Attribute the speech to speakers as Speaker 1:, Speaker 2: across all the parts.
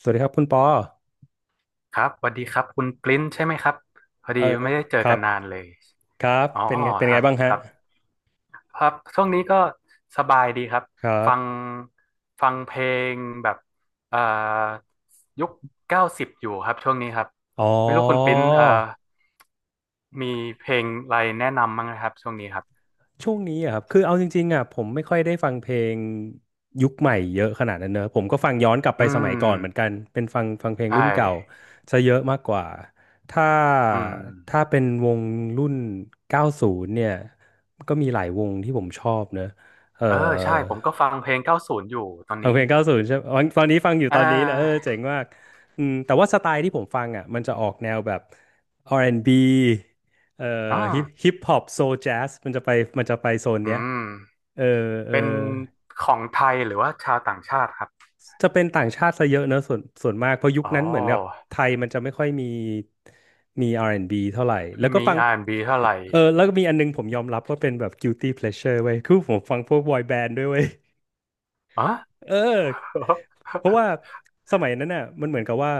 Speaker 1: สวัสดีครับคุณปอ
Speaker 2: ครับสวัสดีครับคุณปริ้นใช่ไหมครับพอดี
Speaker 1: เออ
Speaker 2: ไม่ได้เจอ
Speaker 1: ครั
Speaker 2: กัน
Speaker 1: บ
Speaker 2: นานเลย
Speaker 1: ครับ
Speaker 2: อ๋อ
Speaker 1: เป็นไงเป็น
Speaker 2: ครั
Speaker 1: ไง
Speaker 2: บ
Speaker 1: บ้าง
Speaker 2: ค
Speaker 1: ฮะ
Speaker 2: รับครับช่วงนี้ก็สบายดีครับ
Speaker 1: ครั
Speaker 2: ฟั
Speaker 1: บ
Speaker 2: งฟังเพลงแบบเอ่อยุค90อยู่ครับช่วงนี้ครับ
Speaker 1: อ๋อ
Speaker 2: ไม่รู้คุณปริ้นมีเพลงอะไรแนะนำมั้างนะครับช่วงนี้ครับ
Speaker 1: ช่วงนี้อะครับคือเอาจริงๆอ่ะผมไม่ค่อยได้ฟังเพลงยุคใหม่เยอะขนาดนั้นเนอะผมก็ฟังย้อนกลับไป
Speaker 2: อื
Speaker 1: สมัยก่อนเหมือน
Speaker 2: ม
Speaker 1: กันเป็นฟังเพลง
Speaker 2: ใช่
Speaker 1: รุ่นเก่าซะเยอะมากกว่าถ้า
Speaker 2: อืม
Speaker 1: ถ้าเป็นวงรุ่น90เนี่ยก็มีหลายวงที่ผมชอบเนอะเออ
Speaker 2: เออใช่ผมก็ฟังเพลง90อยู่ตอน
Speaker 1: ฟัง
Speaker 2: นี้
Speaker 1: เพลงเก้าศูนย์ใช่ไหมอ๋อตอนนี้ฟังอยู่
Speaker 2: อ่
Speaker 1: ตอนนี้เลยเออ
Speaker 2: า
Speaker 1: เจ๋งมากอืมแต่ว่าสไตล์ที่ผมฟังอ่ะมันจะออกแนวแบบ R&B เอ่อ
Speaker 2: อ๋อ
Speaker 1: ฮิปฮอปโซแจ๊สมันจะไปโซน
Speaker 2: อื
Speaker 1: เนี้ย
Speaker 2: ม
Speaker 1: เออเออ
Speaker 2: เป็นของไทยหรือว่าชาวต่างชาติครับ
Speaker 1: จะเป็นต่างชาติซะเยอะเนอะส่วนมากเพราะยุค
Speaker 2: อ๋อ
Speaker 1: นั้นเหมือนกับไทยมันจะไม่ค่อยมี R&B เท่าไหร่ แล้วก็ฟั
Speaker 2: มี
Speaker 1: ง
Speaker 2: R&B เท่าไหร่
Speaker 1: เออแล้วก็มีอันนึงผมยอมรับว่าเป็นแบบ guilty pleasure เว้ยคือผมฟังพวกบอยแบนด์ด้วยเว้ย
Speaker 2: อ๋อ
Speaker 1: เออ เพราะว่าสมัยนั้นน่ะมันเหมือนกับว่า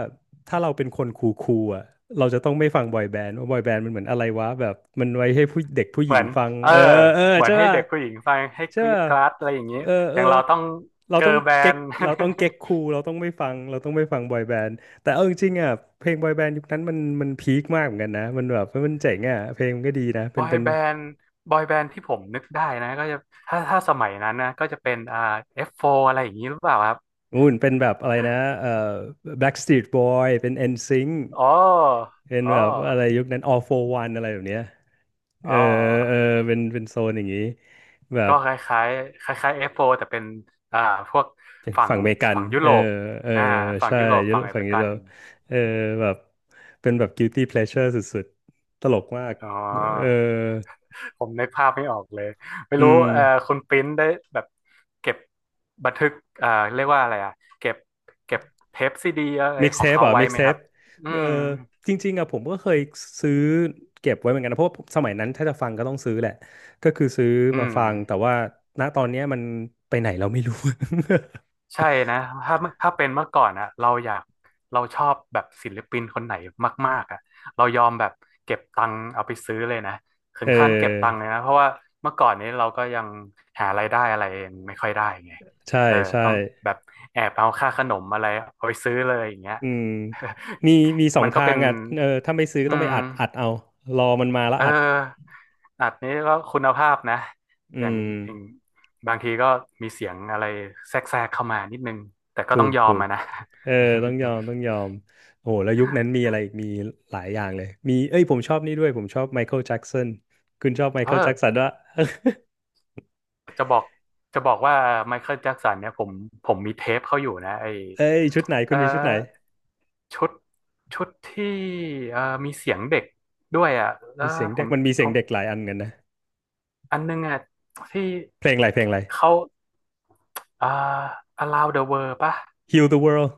Speaker 1: ถ้าเราเป็นคนคูลๆอ่ะเราจะต้องไม่ฟังบอยแบนด์ว่าบอยแบนด์มันเหมือนอะไรวะแบบมันไว้ให้ผู้เด็กผู้ห
Speaker 2: เห
Speaker 1: ญิ
Speaker 2: มื
Speaker 1: ง
Speaker 2: อน
Speaker 1: ฟัง
Speaker 2: เออ
Speaker 1: เออเออ
Speaker 2: เหมือน
Speaker 1: ใช่
Speaker 2: ให้
Speaker 1: ป่ะ
Speaker 2: เด็กผู้หญิงฟังให้
Speaker 1: ใช่
Speaker 2: กรี๊ด
Speaker 1: ป่ะ
Speaker 2: กราดอะไรอย่างเงี้ย
Speaker 1: เออ
Speaker 2: อ
Speaker 1: เออ
Speaker 2: ย่างเราต้อง
Speaker 1: เราต้
Speaker 2: เกิ
Speaker 1: อง
Speaker 2: ร์ลแบ
Speaker 1: เก๊
Speaker 2: น
Speaker 1: ก
Speaker 2: ด์
Speaker 1: เราต้องเก๊กคูลเราต้องไม่ฟังเราต้องไม่ฟังบอยแบนด์แต่เอาจริงๆอ่ะเพลงบอยแบนด์ยุคนั้นมันพีคมากเหมือนกันนะมันแบบมันเจ๋งอ่ะเพลงมันก็ดีนะ
Speaker 2: บ
Speaker 1: เป็น
Speaker 2: อย
Speaker 1: เป็น
Speaker 2: แบนด์บอยแบนด์ที่ผมนึกได้นะก็จะถ้าสมัยนั้นนะก็จะเป็นF4 อฟโฟร์อะไรอย่างงี้หรือเปล่าครับ
Speaker 1: นู่นเป็นแบบอะไรนะเอ่อ Backstreet Boy เป็น NSYNC
Speaker 2: อ๋อ
Speaker 1: เป็น
Speaker 2: อ๋อ
Speaker 1: แบบอะไรยุคนั้น all for one อะไรแบบเนี้ยเอ
Speaker 2: อ๋อ
Speaker 1: อเออเป็นโซนอย่างนี้แบ
Speaker 2: ก็
Speaker 1: บ
Speaker 2: คล้ายๆคล้ายๆ F4 แต่เป็นอ่าพวก
Speaker 1: เป็น
Speaker 2: ฝั่ง
Speaker 1: ฝั่งอเมริกัน
Speaker 2: ฝั่งยุ
Speaker 1: เอ
Speaker 2: โร
Speaker 1: อ
Speaker 2: ป
Speaker 1: เออ
Speaker 2: อ่าฝั่ง
Speaker 1: ใช่
Speaker 2: ยุโรป
Speaker 1: ยุโร
Speaker 2: ฝั่ง
Speaker 1: ป
Speaker 2: อเม
Speaker 1: ฝั่ง
Speaker 2: ริ
Speaker 1: ยุ
Speaker 2: กั
Speaker 1: โร
Speaker 2: น
Speaker 1: ปเออแบบเป็นแบบ guilty pleasure สุดๆ ตลกมาก
Speaker 2: อ๋
Speaker 1: เออ
Speaker 2: อ ผมนึกภาพไม่ออกเลยไม่
Speaker 1: อื
Speaker 2: รู้
Speaker 1: ม
Speaker 2: คุณปริ้นได้แบบเก็บบันทึกเอ่อเรียกว่าอะไรอ่ะเก็บเก็บเทปซีดีอะไรของ
Speaker 1: mixtape
Speaker 2: เขา
Speaker 1: อ่ะ
Speaker 2: ไว้ไหมครับ
Speaker 1: mixtape
Speaker 2: อื
Speaker 1: เออ
Speaker 2: ม
Speaker 1: จริงๆอะผมก็เคยซื้อเก็บไว้เหมือนกันนะเพราะว่าสมัยนั้นถ้าจะฟังก็ต้องซื้อแหละ ก็คือซื้อ
Speaker 2: อื
Speaker 1: มาฟังแต่
Speaker 2: ม
Speaker 1: ว่าณตอนเนี้ยมันไปไหนเราไม่รู้
Speaker 2: ใช่นะถ้าถ้าเป็นเมื่อก่อนอะเราอยากเราชอบแบบศิลปินคนไหนมากๆอะเรายอมแบบเก็บตังค์เอาไปซื้อเลยนะ ถึ
Speaker 1: เอ
Speaker 2: งขั้นเก็บตังค์เลย
Speaker 1: อ
Speaker 2: นะเพราะว่าเมื่อก่อนนี้เราก็ยังหารายได้อะไรเองไม่ค่อยได้ไง
Speaker 1: ใช่
Speaker 2: เออ
Speaker 1: ใช่
Speaker 2: ต้องแบบแอบเอาค่าขนมอะไรเอาไปซื้อเลยอย่างเงี้ย
Speaker 1: อืมมีมีส อง
Speaker 2: มันก็
Speaker 1: ทา
Speaker 2: เป็
Speaker 1: ง
Speaker 2: น
Speaker 1: อ่ะเออถ้าไม่ซื้อก็
Speaker 2: อื
Speaker 1: ต้องไป
Speaker 2: ม
Speaker 1: อัดเอา รอมันมาแล้ว
Speaker 2: เอ
Speaker 1: อัด
Speaker 2: ออัดนี้ก็คุณภาพนะ
Speaker 1: อื
Speaker 2: อย่าง
Speaker 1: ม
Speaker 2: อย่างบางทีก็มีเสียงอะไรแทรกแทรกเข้ามานิดนึงแต่ก็
Speaker 1: ถู
Speaker 2: ต้อง
Speaker 1: ก
Speaker 2: ยอ
Speaker 1: ถู
Speaker 2: ม
Speaker 1: ก
Speaker 2: อะนะ
Speaker 1: เออ ต้องยอมต้องยอมโอ้โหแล้วยุคนั้นมีอะไรอีกมีหลายอย่างเลย มี เอ้ย ผมชอบนี่ด้วย ผมชอบไมเคิลแจ็กสันคุณชอบไม
Speaker 2: เอ
Speaker 1: เคิลแจ็ก
Speaker 2: อ
Speaker 1: สันด้วะ
Speaker 2: จะบอกจะบอกว่าไมเคิลแจ็คสันเนี่ยผมมีเทปเขาอยู่นะไอ
Speaker 1: เอ้ย ชุดไหนคุ
Speaker 2: เอ
Speaker 1: ณมีชุดไหน
Speaker 2: อชุดชุดที่เออมีเสียงเด็กด้วยอ่ะแล้
Speaker 1: มี
Speaker 2: ว
Speaker 1: เสียง
Speaker 2: ผ
Speaker 1: เด็ก
Speaker 2: ม
Speaker 1: มันมี
Speaker 2: ผ
Speaker 1: เสียง
Speaker 2: ม
Speaker 1: เด็กหลายอันกันนะ
Speaker 2: อันนึงอ่ะที่
Speaker 1: เพลงอะไรเพลงอะไร
Speaker 2: เขาเอ่อ Allow the World ป่ะ
Speaker 1: Heal the World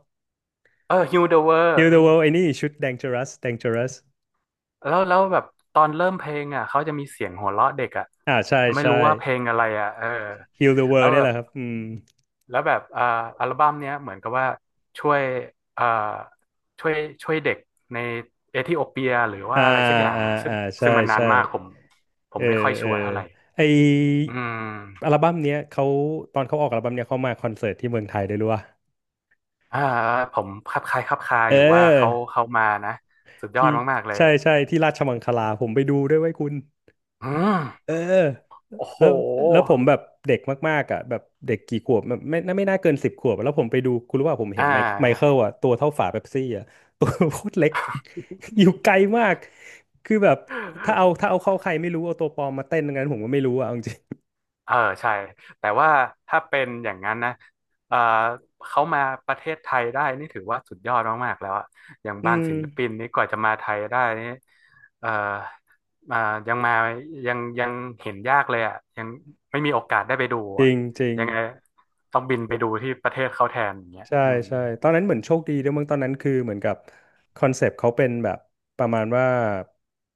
Speaker 2: เออ Heal the World
Speaker 1: Heal the World ไอ้นี่ชุด Dangerous
Speaker 2: แล้วแบบตอนเริ่มเพลงอ่ะเขาจะมีเสียงหัวเราะเด็กอ่ะ
Speaker 1: อ่าใช่
Speaker 2: ไม่
Speaker 1: ใช่
Speaker 2: รู้ว่าเพลงอะไรอ่ะเออ
Speaker 1: Heal the
Speaker 2: แล้ว
Speaker 1: World เนี่
Speaker 2: แบ
Speaker 1: ยแห
Speaker 2: บ
Speaker 1: ละครับอืม
Speaker 2: แล้วแบบอัลบั้มเนี้ยเหมือนกับว่าช่วยอ่าช่วยช่วยเด็กในเอธิโอเปียหรือว่า
Speaker 1: อ่า
Speaker 2: อะไรสักอย่าง
Speaker 1: อ่า
Speaker 2: อะซึ่
Speaker 1: อ่า
Speaker 2: ง
Speaker 1: ใช่
Speaker 2: ซึ่งมันนาน
Speaker 1: ใช่
Speaker 2: มากผมผ
Speaker 1: เอ
Speaker 2: ม
Speaker 1: อ
Speaker 2: ไม่ค่อย
Speaker 1: เอ
Speaker 2: ชั
Speaker 1: อ
Speaker 2: วร์เท่าไหร่
Speaker 1: ไอ
Speaker 2: อื
Speaker 1: อั
Speaker 2: ม
Speaker 1: ลบั้มเนี้ยเขาตอนเขาออกอัลบั้มเนี้ยเขามาคอนเสิร์ตที่เมืองไทยด้วยรู้ป่ะ
Speaker 2: อ่าผมคลับคล้ายคลับคา
Speaker 1: เ
Speaker 2: อยู่ว่าเขา
Speaker 1: ออ
Speaker 2: เขามานะสุดยอ
Speaker 1: ที่
Speaker 2: ดมากๆเลย
Speaker 1: ใช่
Speaker 2: อะ
Speaker 1: ใช่ที่ราชมังคลาผมไปดูด้วยไว้ยคุณ
Speaker 2: อื
Speaker 1: เอ
Speaker 2: ม
Speaker 1: อ
Speaker 2: โอ้โห
Speaker 1: แล้วแล้วผมแบบเด็กมากๆอ่ะแบบเด็กกี่ขวบแบบไม่น่าเกิน10 ขวบแล้วผมไปดูคุณรู้ว่าผมเห็
Speaker 2: อ่
Speaker 1: นไมค์ไมเคิ
Speaker 2: า
Speaker 1: ลอ่ะตัวเท่าฝาเป๊ปซี่อ่ะ ตัวโคตรเล็ก อยู่ไกลมากคือแบบถ้าเอาเข้าใครไม่รู้เอาตัวปลอมมาเต้นตรงนั้นผมก็ไม่รู้อ่ะเอาจริง
Speaker 2: เออใช่แต่ว่าถ้าเป็นอย่างนั้นนะเออเขามาประเทศไทยได้นี่ถือว่าสุดยอดมากๆแล้วอะอย่าง
Speaker 1: ๆอื
Speaker 2: บาง
Speaker 1: ม
Speaker 2: ศิลปินนี่กว่าจะมาไทยได้นี่เออมายังมายังเห็นยากเลยอะยังไม่มีโอกาสได้ไปดู
Speaker 1: จริ
Speaker 2: อะ
Speaker 1: งจริง
Speaker 2: ยังไงต้องบินไปดูที่ประเทศเขาแทนอย่างเงี้ย
Speaker 1: ใช่
Speaker 2: อืม
Speaker 1: ใช่ตอนนั้นเหมือนโชคดีด้วยมั้งตอนนั้นคือเหมือนกับคอนเซปต์เขาเป็นแบบประมาณว่า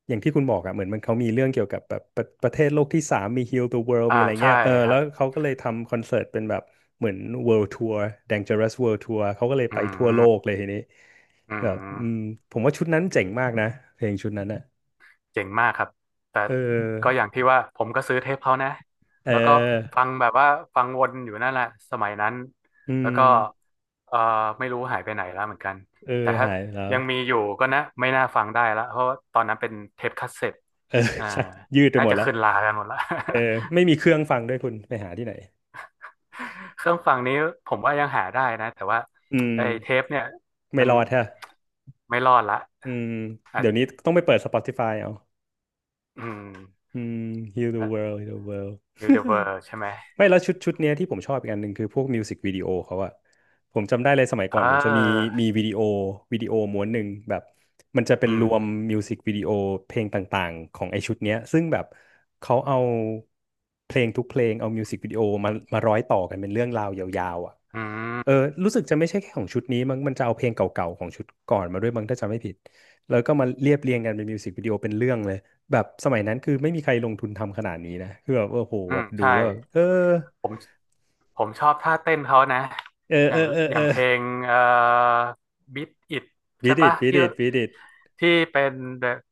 Speaker 1: อย่างที่คุณบอกอะเหมือนมันเขามีเรื่องเกี่ยวกับแบบประเทศโลกที่สามมี Heal the World
Speaker 2: อ่า
Speaker 1: มีอะไร
Speaker 2: ใช่
Speaker 1: เงี้ยเออ
Speaker 2: ครั
Speaker 1: แล้ว
Speaker 2: บ
Speaker 1: เขาก็เลยทำคอนเสิร์ตเป็นแบบเหมือน World Tour Dangerous World Tour เขาก็เลย
Speaker 2: อื
Speaker 1: ไปทั่วโลก
Speaker 2: ม
Speaker 1: เลยทีนี้
Speaker 2: อื
Speaker 1: แบบอืม
Speaker 2: ม
Speaker 1: ผมว่าชุดนั้นเจ๋งมากนะเพลงชุดนั้นอะ
Speaker 2: เจ๋งมากครับแต่
Speaker 1: เอ
Speaker 2: ก็อ
Speaker 1: อ
Speaker 2: ย่างที่ว่าผมก็ซื้อเทปเขานะ
Speaker 1: เอ
Speaker 2: แล้วก็
Speaker 1: อ
Speaker 2: ฟังแบบว่าฟังวนอยู่นั่นแหละสมัยนั้น
Speaker 1: อื
Speaker 2: แล้วก็
Speaker 1: ม
Speaker 2: เอ่อไม่รู้หายไปไหนแล้วเหมือนกัน
Speaker 1: เออ
Speaker 2: แต่ถ้า
Speaker 1: หายไปแล้ว
Speaker 2: ยังมีอยู่ก็นะไม่น่าฟังได้ละเพราะว่าตอนนั้นเป็นเทปคัสเซ็ต
Speaker 1: เออ
Speaker 2: อ่า
Speaker 1: ใช่ยืดไป
Speaker 2: น่า
Speaker 1: หมด
Speaker 2: จะ
Speaker 1: แล้ว
Speaker 2: ขึ้นลากันหมดละ
Speaker 1: เออไม่มี เครื่องฟังด้วยคุณไปหาที่ไหน
Speaker 2: เครื่องฟังนี้ผมว่ายังหาได้นะแต่ว่า
Speaker 1: อืม
Speaker 2: ไอ้เทปเนี่ย
Speaker 1: ไม่
Speaker 2: มัน
Speaker 1: รอดฮะ
Speaker 2: ไม่รอดละ
Speaker 1: อืม
Speaker 2: อ่ะ
Speaker 1: เดี๋ยวนี้ต้องไปเปิด Spotify เอา
Speaker 2: อืม
Speaker 1: อืม Heal the world Heal the world
Speaker 2: ยูนิเวอร์ใช่ไหม
Speaker 1: ไม่แล้วชุดเนี้ยที่ผมชอบอีกอันหนึ่งคือพวกมิวสิกวิดีโอเขาอะผมจำได้เลยสมัย
Speaker 2: เ
Speaker 1: ก่อนผมจะมี
Speaker 2: ออ
Speaker 1: วิดีโอม้วนหนึ่งแบบมันจะเป็น
Speaker 2: อื
Speaker 1: ร
Speaker 2: ม
Speaker 1: วมมิวสิกวิดีโอเพลงต่างๆของไอชุดเนี้ยซึ่งแบบเขาเอาเพลงทุกเพลงเอามิวสิกวิดีโอมาร้อยต่อกันเป็นเรื่องราวยาวๆอะ
Speaker 2: อื
Speaker 1: เออ
Speaker 2: ม
Speaker 1: รู้สึกจะไม่ใช่แค่ของชุดนี้มั้งมันจะเอาเพลงเก่าๆของชุดก่อนมาด้วยมั้งถ้าจำไม่ผิดแล้วก็มาเรียบเรียงกันเป็นมิวสิกวิดีโอเป็นเรื่องเลย แบบสมัยนั้นคือไม่มีใครลงทุนทำขนาดนี้นะคือแบบโอ้โห
Speaker 2: อื
Speaker 1: แบ
Speaker 2: ม
Speaker 1: บดู
Speaker 2: ใช่
Speaker 1: แล้วแบบเออ
Speaker 2: ผมผมชอบท่าเต้นเขานะ
Speaker 1: เออ
Speaker 2: อ
Speaker 1: เอ
Speaker 2: ย่า
Speaker 1: อ
Speaker 2: ง
Speaker 1: เออ
Speaker 2: อ
Speaker 1: เอ
Speaker 2: ย่า
Speaker 1: อ
Speaker 2: งเพลงBeat It
Speaker 1: บี
Speaker 2: ใช่
Speaker 1: ดิ
Speaker 2: ปะ
Speaker 1: ดบี
Speaker 2: ที่
Speaker 1: ดิดบีดิด
Speaker 2: ที่เป็น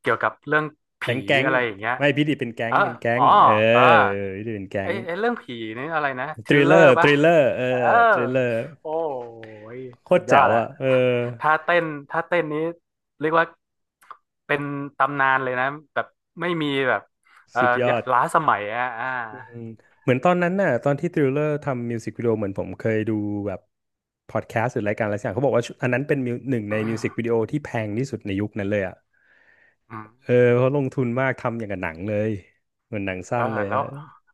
Speaker 2: เกี่ยวกับเรื่อง
Speaker 1: แก๊
Speaker 2: ผี
Speaker 1: งแก๊ง
Speaker 2: อะไรอย่างเงี้ย
Speaker 1: ไม่บีดิดเป็นแก๊
Speaker 2: เอ
Speaker 1: ง
Speaker 2: อ
Speaker 1: เป็นแก๊
Speaker 2: อ๋
Speaker 1: ง
Speaker 2: อ
Speaker 1: เออ
Speaker 2: เออ
Speaker 1: บีดิดเป็นแก๊
Speaker 2: ไอ
Speaker 1: ง
Speaker 2: ไอเรื่องผีนี่อะไรนะท
Speaker 1: ท
Speaker 2: ริ
Speaker 1: ริ
Speaker 2: ล
Speaker 1: ล
Speaker 2: เล
Speaker 1: เล
Speaker 2: อ
Speaker 1: อ
Speaker 2: ร์
Speaker 1: ร์ท
Speaker 2: ปะ
Speaker 1: ริลเลอร์เออ
Speaker 2: เออ
Speaker 1: ทริลเลอร์
Speaker 2: โอ้ย
Speaker 1: โค
Speaker 2: สุ
Speaker 1: ตร
Speaker 2: ดยอ
Speaker 1: แจ๋
Speaker 2: ด
Speaker 1: ว
Speaker 2: อะ
Speaker 1: อ่ะเออ
Speaker 2: ท่าเต้นท่าเต้นนี้เรียกว่าเป็นตำนานเลยนะแบบไม่มีแบบเอ่อ
Speaker 1: สุดยอด
Speaker 2: ล้าสมัยอะอ่า
Speaker 1: อืมเหมือนตอนนั้นน่ะตอนที่ทริลเลอร์ทำมิวสิกวิดีโอเหมือนผมเคยดูแบบพอดแคสต์หรือรายการอะไรสักอย่างเขาบอกว่าชุดอันนั้นเป็นมิวหนึ่งใน
Speaker 2: อื
Speaker 1: มิวสิกวิ
Speaker 2: ม
Speaker 1: ดีโอที่แพงที่สุดในยุคนั้นเลยอ่ะ เออเพราะลงทุนมากทำอย่างกับหนังเลยเหมือนหนังสั้
Speaker 2: แล้
Speaker 1: น
Speaker 2: ว
Speaker 1: เลย
Speaker 2: แล้ว
Speaker 1: อะ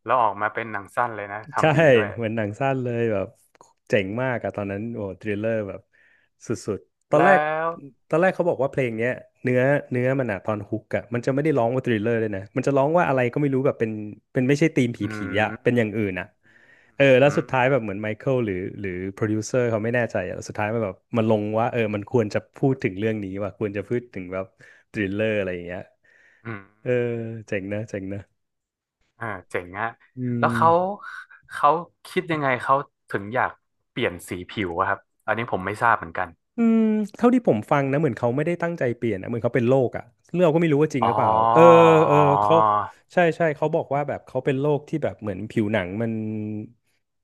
Speaker 2: แล้วออกมาเป็นหนังสั้นเลยนะ
Speaker 1: ใช่
Speaker 2: ทำดีด้วย
Speaker 1: เหมือนหนังสั้นเลยแบบเจ๋งมากอะตอนนั้นโอ้ทริลเลอร์แบบสุดๆตอน
Speaker 2: แล้
Speaker 1: แรก
Speaker 2: ว
Speaker 1: ตอนแรกเขาบอกว่าเพลงเนี้ยเนื้อเนื้อมันอะตอนฮุกอะมันจะไม่ได้ร้องว่าทริลเลอร์เลยนะมันจะร้องว่าอะไรก็ไม่รู้แบบเป็นไม่ใช่ธีมผ
Speaker 2: อื
Speaker 1: ีๆอะเป็นอ
Speaker 2: ม
Speaker 1: ย่างอื่นอะเออแล้ว
Speaker 2: อืม
Speaker 1: สุดท้ายแบบเหมือนไมเคิลหรือโปรดิวเซอร์เขาไม่แน่ใจอะแล้วสุดท้ายมันแบบมันลงว่าเออมันควรจะพูดถึงเรื่องนี้ว่ะควรจะพูดถึงแบบทริลเลอร์อะไรอย่างเงี้ย
Speaker 2: อืม
Speaker 1: เออเจ๋งนะเจ๋งนะ
Speaker 2: เเจ๋งอะ
Speaker 1: อื
Speaker 2: แล้วเขา
Speaker 1: ม
Speaker 2: เขาคิดยังไงเขาถึงอยากเปลี่ยนสีผิวอะครับอันนี้ผมไม่ทราบเหมือนกัน
Speaker 1: อืมเท่าที่ผมฟังนะเหมือนเขาไม่ได้ตั้งใจเปลี่ยนนะเหมือนเขาเป็นโรคอ่ะเรื่องเราก็ไม่รู้ว่าจริง
Speaker 2: อ๋
Speaker 1: ห
Speaker 2: อ
Speaker 1: รือเปล่าเออเออ
Speaker 2: อ๋
Speaker 1: เขา
Speaker 2: อ
Speaker 1: ใช่ใช่เขาบอกว่าแบบเขาเป็นโรคที่แบบเหมือนผิวหนังมัน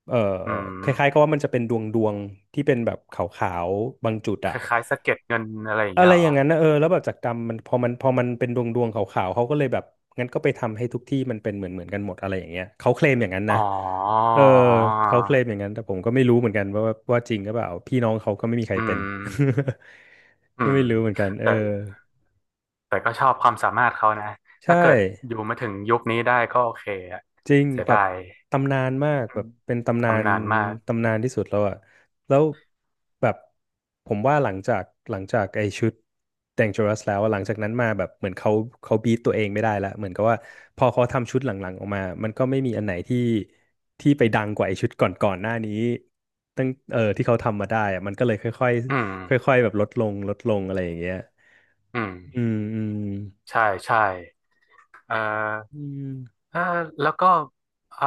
Speaker 1: เออ
Speaker 2: อื
Speaker 1: คล้ายๆก็
Speaker 2: ม
Speaker 1: ว่ามันจะเป็นดวงที่เป็นแบบขาวๆบางจุด
Speaker 2: ค
Speaker 1: อ่ะ
Speaker 2: ล้ายๆสะเก็ดเงินอะไรอย่าง
Speaker 1: อะ
Speaker 2: เงี้
Speaker 1: ไร
Speaker 2: ยเหร
Speaker 1: อ
Speaker 2: อ
Speaker 1: ย่างนั้นนะเออแล้วแบบจากกรรมมันพอมันเป็นดวงขาวๆเขาก็เลยแบบงั้นก็ไปทำให้ทุกที่มันเป็นเหมือนกันหมดอะไรอย่างเงี้ยเขาเคลมอย่างนั้น
Speaker 2: อ๋
Speaker 1: นะ
Speaker 2: ออ๋
Speaker 1: เออเขาเคล
Speaker 2: อ
Speaker 1: มอย่างนั้นแต่ผมก็ไม่รู้เหมือนกันว่าว่าจริงหรือเปล่าพี่น้องเขาก็ไม่มีใคร
Speaker 2: อื
Speaker 1: เป็น
Speaker 2: ม อื
Speaker 1: ก็
Speaker 2: ม
Speaker 1: ไม่รู้เหมือนกันเออ
Speaker 2: แต่ แต่ก็ชอบความสามารถเขานะ
Speaker 1: ใช่
Speaker 2: ถ้าเกิดอยู่มาถึงยุคนี้ได้ก็โอเคอะ
Speaker 1: จริง
Speaker 2: เสีย
Speaker 1: แบ
Speaker 2: ดา
Speaker 1: บ
Speaker 2: ย
Speaker 1: ตำนานมาก
Speaker 2: อื
Speaker 1: แบ
Speaker 2: ม
Speaker 1: บเป็นตำนาน
Speaker 2: ตำนานมาก
Speaker 1: ตำนานที่สุดแล้วอะแล้วแบบผมว่าหลังจากไอ้ชุด Dangerous แล้วอะหลังจากนั้นมาแบบเหมือนเขาบีทตัวเองไม่ได้ละเหมือนกับว่าพอเขาทำชุดหลังๆออกมามันก็ไม่มีอันไหนที่ไปดังกว่าไอ้ชุดก่อนๆหน้านี้ตั้งเออที่เขาทำมาได้อะมันก็เลยค่อย
Speaker 2: อืม
Speaker 1: ๆค่อยๆแบบลดลงลดลงอะไรอย่างเงี้ย
Speaker 2: อืม
Speaker 1: อืมอืม
Speaker 2: ใช่ใช่เอ่อ
Speaker 1: อืม
Speaker 2: เอ่อแล้วก็เอ่อ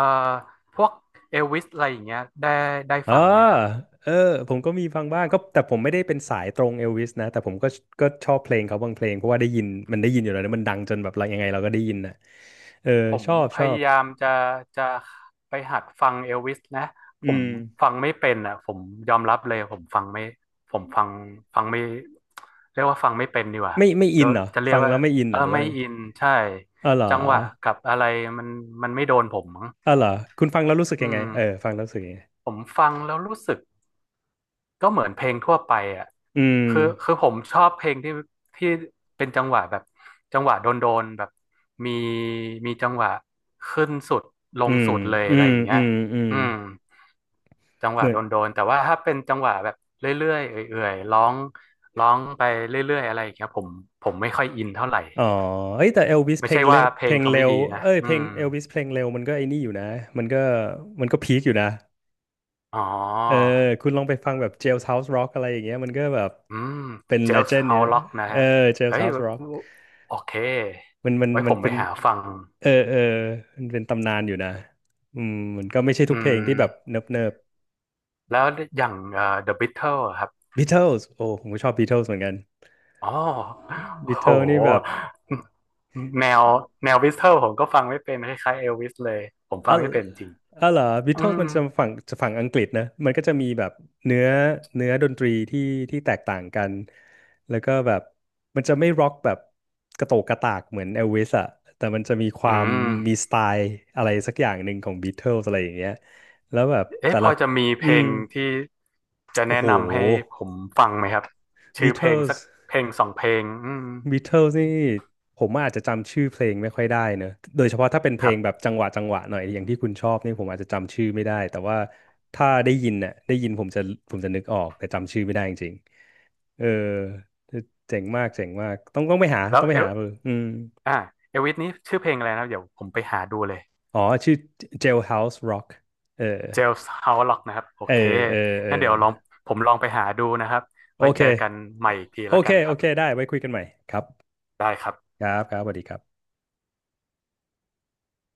Speaker 2: พวกเอลวิสอะไรอย่างเงี้ยได้
Speaker 1: เอ่
Speaker 2: ฟังไหมครับ
Speaker 1: เออผมก็มีฟังบ้างก็แต่ผมไม่ได้เป็นสายตรงเอลวิสนะแต่ผมก็ชอบเพลงเขาบางเพลงเพราะว่าได้ยินมันได้ยินอยู่แล้วนะมันดังจนแบบเรายังไงเราก็ได้ยินนะเออ
Speaker 2: ผม
Speaker 1: ชอบ
Speaker 2: พ
Speaker 1: ชอ
Speaker 2: ยา
Speaker 1: บ
Speaker 2: ยามจะไปหัดฟังเอลวิสนะผ
Speaker 1: อื
Speaker 2: ม
Speaker 1: ม
Speaker 2: ฟังไม่เป็นอ่ะผมยอมรับเลยผมฟังไม่ผมฟังไม่เรียกว่าฟังไม่เป็นดีกว่า
Speaker 1: ไม่อิ
Speaker 2: จะ
Speaker 1: นเหรอ
Speaker 2: จะเรี
Speaker 1: ฟั
Speaker 2: ยก
Speaker 1: ง
Speaker 2: ว่า
Speaker 1: แล้วไม่อินเห
Speaker 2: เอ
Speaker 1: รอ
Speaker 2: อ
Speaker 1: หรือว่า
Speaker 2: ไม่
Speaker 1: ไง
Speaker 2: อินใช่
Speaker 1: อ๋อเหรอ
Speaker 2: จังหวะกับอะไรมันมันไม่โดนผมมั้ง
Speaker 1: อ๋อเหรอคุณฟังแล้วรู้สึกยั
Speaker 2: อื
Speaker 1: งไง
Speaker 2: ม
Speaker 1: เออฟังแล้วรู้สึกยังไง
Speaker 2: ผมฟังแล้วรู้สึก ก็เหมือนเพลงทั่วไปอ่ะ
Speaker 1: อืม
Speaker 2: คือผมชอบเพลงที่เป็นจังหวะแบบจังหวะโดนๆแบบมีมีจังหวะขึ้นสุดล
Speaker 1: อื
Speaker 2: ง
Speaker 1: ม
Speaker 2: สุดเลย
Speaker 1: อื
Speaker 2: อะไร
Speaker 1: ม
Speaker 2: อย่างเงี้
Speaker 1: อื
Speaker 2: ย
Speaker 1: มอืม
Speaker 2: อืมจังห
Speaker 1: เห
Speaker 2: วะ
Speaker 1: มือน
Speaker 2: โดนๆแต่ว่าถ้าเป็นจังหวะแบบเรื่อยๆเอื่อยๆร้องไปเรื่อยๆอะไรอย่างเงี้ยผมไม่ค่อยอินเท่าไหร่
Speaker 1: อ๋อเอ้ยแต่เอลวิส
Speaker 2: ไม่
Speaker 1: เพล
Speaker 2: ใช่
Speaker 1: งเร็
Speaker 2: ว่า
Speaker 1: ว
Speaker 2: เพลงเขาไม่ดีนะ
Speaker 1: เอ้ย
Speaker 2: อื
Speaker 1: เพลง
Speaker 2: ม
Speaker 1: เอลวิสเพลงเร็วมันก็ไอ้นี่อยู่นะมันก็มันก็พีคอยู่นะ
Speaker 2: อ๋อ
Speaker 1: เออคุณลองไปฟังแบบ Jailhouse Rock อะไรอย่างเงี้ยมันก็แบบ
Speaker 2: อืม
Speaker 1: เป็น
Speaker 2: เจลส์
Speaker 1: legend
Speaker 2: ฮา
Speaker 1: เนี่ย
Speaker 2: ว
Speaker 1: นะ
Speaker 2: ล็อกนะ
Speaker 1: เออ
Speaker 2: ฮะเฮ้ย
Speaker 1: Jailhouse Rock
Speaker 2: โอเค
Speaker 1: มัน
Speaker 2: ไว้ผ
Speaker 1: มัน
Speaker 2: มไป
Speaker 1: เป็น
Speaker 2: หาฟัง
Speaker 1: เออเออมันเป็นตำนานอยู่นะอืมมันก็ไม่ใช่
Speaker 2: อื
Speaker 1: ทุกเพลงที่แบบ
Speaker 2: ม
Speaker 1: เนิบเนิบ
Speaker 2: แล้วอย่างThe Beatles อะครับ
Speaker 1: Beatles โอ้ผมก็ชอบ Beatles เหมือนกัน
Speaker 2: อ๋อโอ้โห
Speaker 1: Beatles นี่แบบ
Speaker 2: แนวแนว Beatles ผมก็ฟังไม่เป็นคล้ายๆเอลวิสเลยผม
Speaker 1: อ๋
Speaker 2: ฟั
Speaker 1: อ
Speaker 2: งไม่เป็นจริง
Speaker 1: อ๋อเหรอบิท
Speaker 2: อื
Speaker 1: เทิล
Speaker 2: ม
Speaker 1: มันจะฝั่งอังกฤษนะมันก็จะมีแบบเนื้อเนื้อดนตรีที่แตกต่างกัน แล้วก็แบบมันจะไม่ร็อกแบบกระโตกกระตากเหมือนเอลวิสอะแต่มันจะมีค
Speaker 2: อื
Speaker 1: วามมี
Speaker 2: ม
Speaker 1: สไตล์อะไรสักอย่างหนึ่งของบิทเทิลอะไรอย่างเงี้ยแล้วแบบ
Speaker 2: เอ๊ะ
Speaker 1: แต่
Speaker 2: พ
Speaker 1: ละ
Speaker 2: อจะมีเพ
Speaker 1: อื
Speaker 2: ล
Speaker 1: ม
Speaker 2: งที่จะ
Speaker 1: โอ้
Speaker 2: แนะ
Speaker 1: โห
Speaker 2: นำให้ผมฟังไหมครับชื่
Speaker 1: บิ
Speaker 2: อ
Speaker 1: ท
Speaker 2: เพล
Speaker 1: เทิ
Speaker 2: ง
Speaker 1: ล
Speaker 2: สักเพลงสองเพลงอืม
Speaker 1: บิทเทิลนี่ผมอาจจะจำชื่อเพลงไม่ค่อยได้เนอะโดยเฉพาะถ้าเป็นเพ
Speaker 2: ค
Speaker 1: ล
Speaker 2: รั
Speaker 1: งแบบ
Speaker 2: บ
Speaker 1: จังหวะหน่อยอย่างที่คุณชอบนี่ผมอาจจะจำชื่อไม่ได้แต่ว่าถ้าได้ยินเนี่ยได้ยินผมจะผมจะนึกออกแต่จำชื่อไม่ได้จริงๆเออเจ๋งมากเจ๋งมากต้องไปหา
Speaker 2: แล้
Speaker 1: ต้
Speaker 2: ว
Speaker 1: องไปหาเอออืม
Speaker 2: อ่าเอลวิสนี้ชื่อเพลงอะไรนะครับเดี๋ยวผมไปหาดูเลย
Speaker 1: อ๋อชื่อ Jailhouse Rock เออ
Speaker 2: เจลส์เฮาล็อกนะครับโอ
Speaker 1: เออ
Speaker 2: เค
Speaker 1: เออเออ
Speaker 2: งั้นเดี๋ยวลองผมลองไปหาดูนะครับ
Speaker 1: โอ
Speaker 2: ไว้
Speaker 1: เค
Speaker 2: เจอกันใหม่อีกที
Speaker 1: โอ
Speaker 2: แล้ว
Speaker 1: เค
Speaker 2: กันค
Speaker 1: โอ
Speaker 2: รับ
Speaker 1: เคได้ไว้คุยกันใหม่ครับ
Speaker 2: ได้ครับ
Speaker 1: ครับครับสวัสดีครับ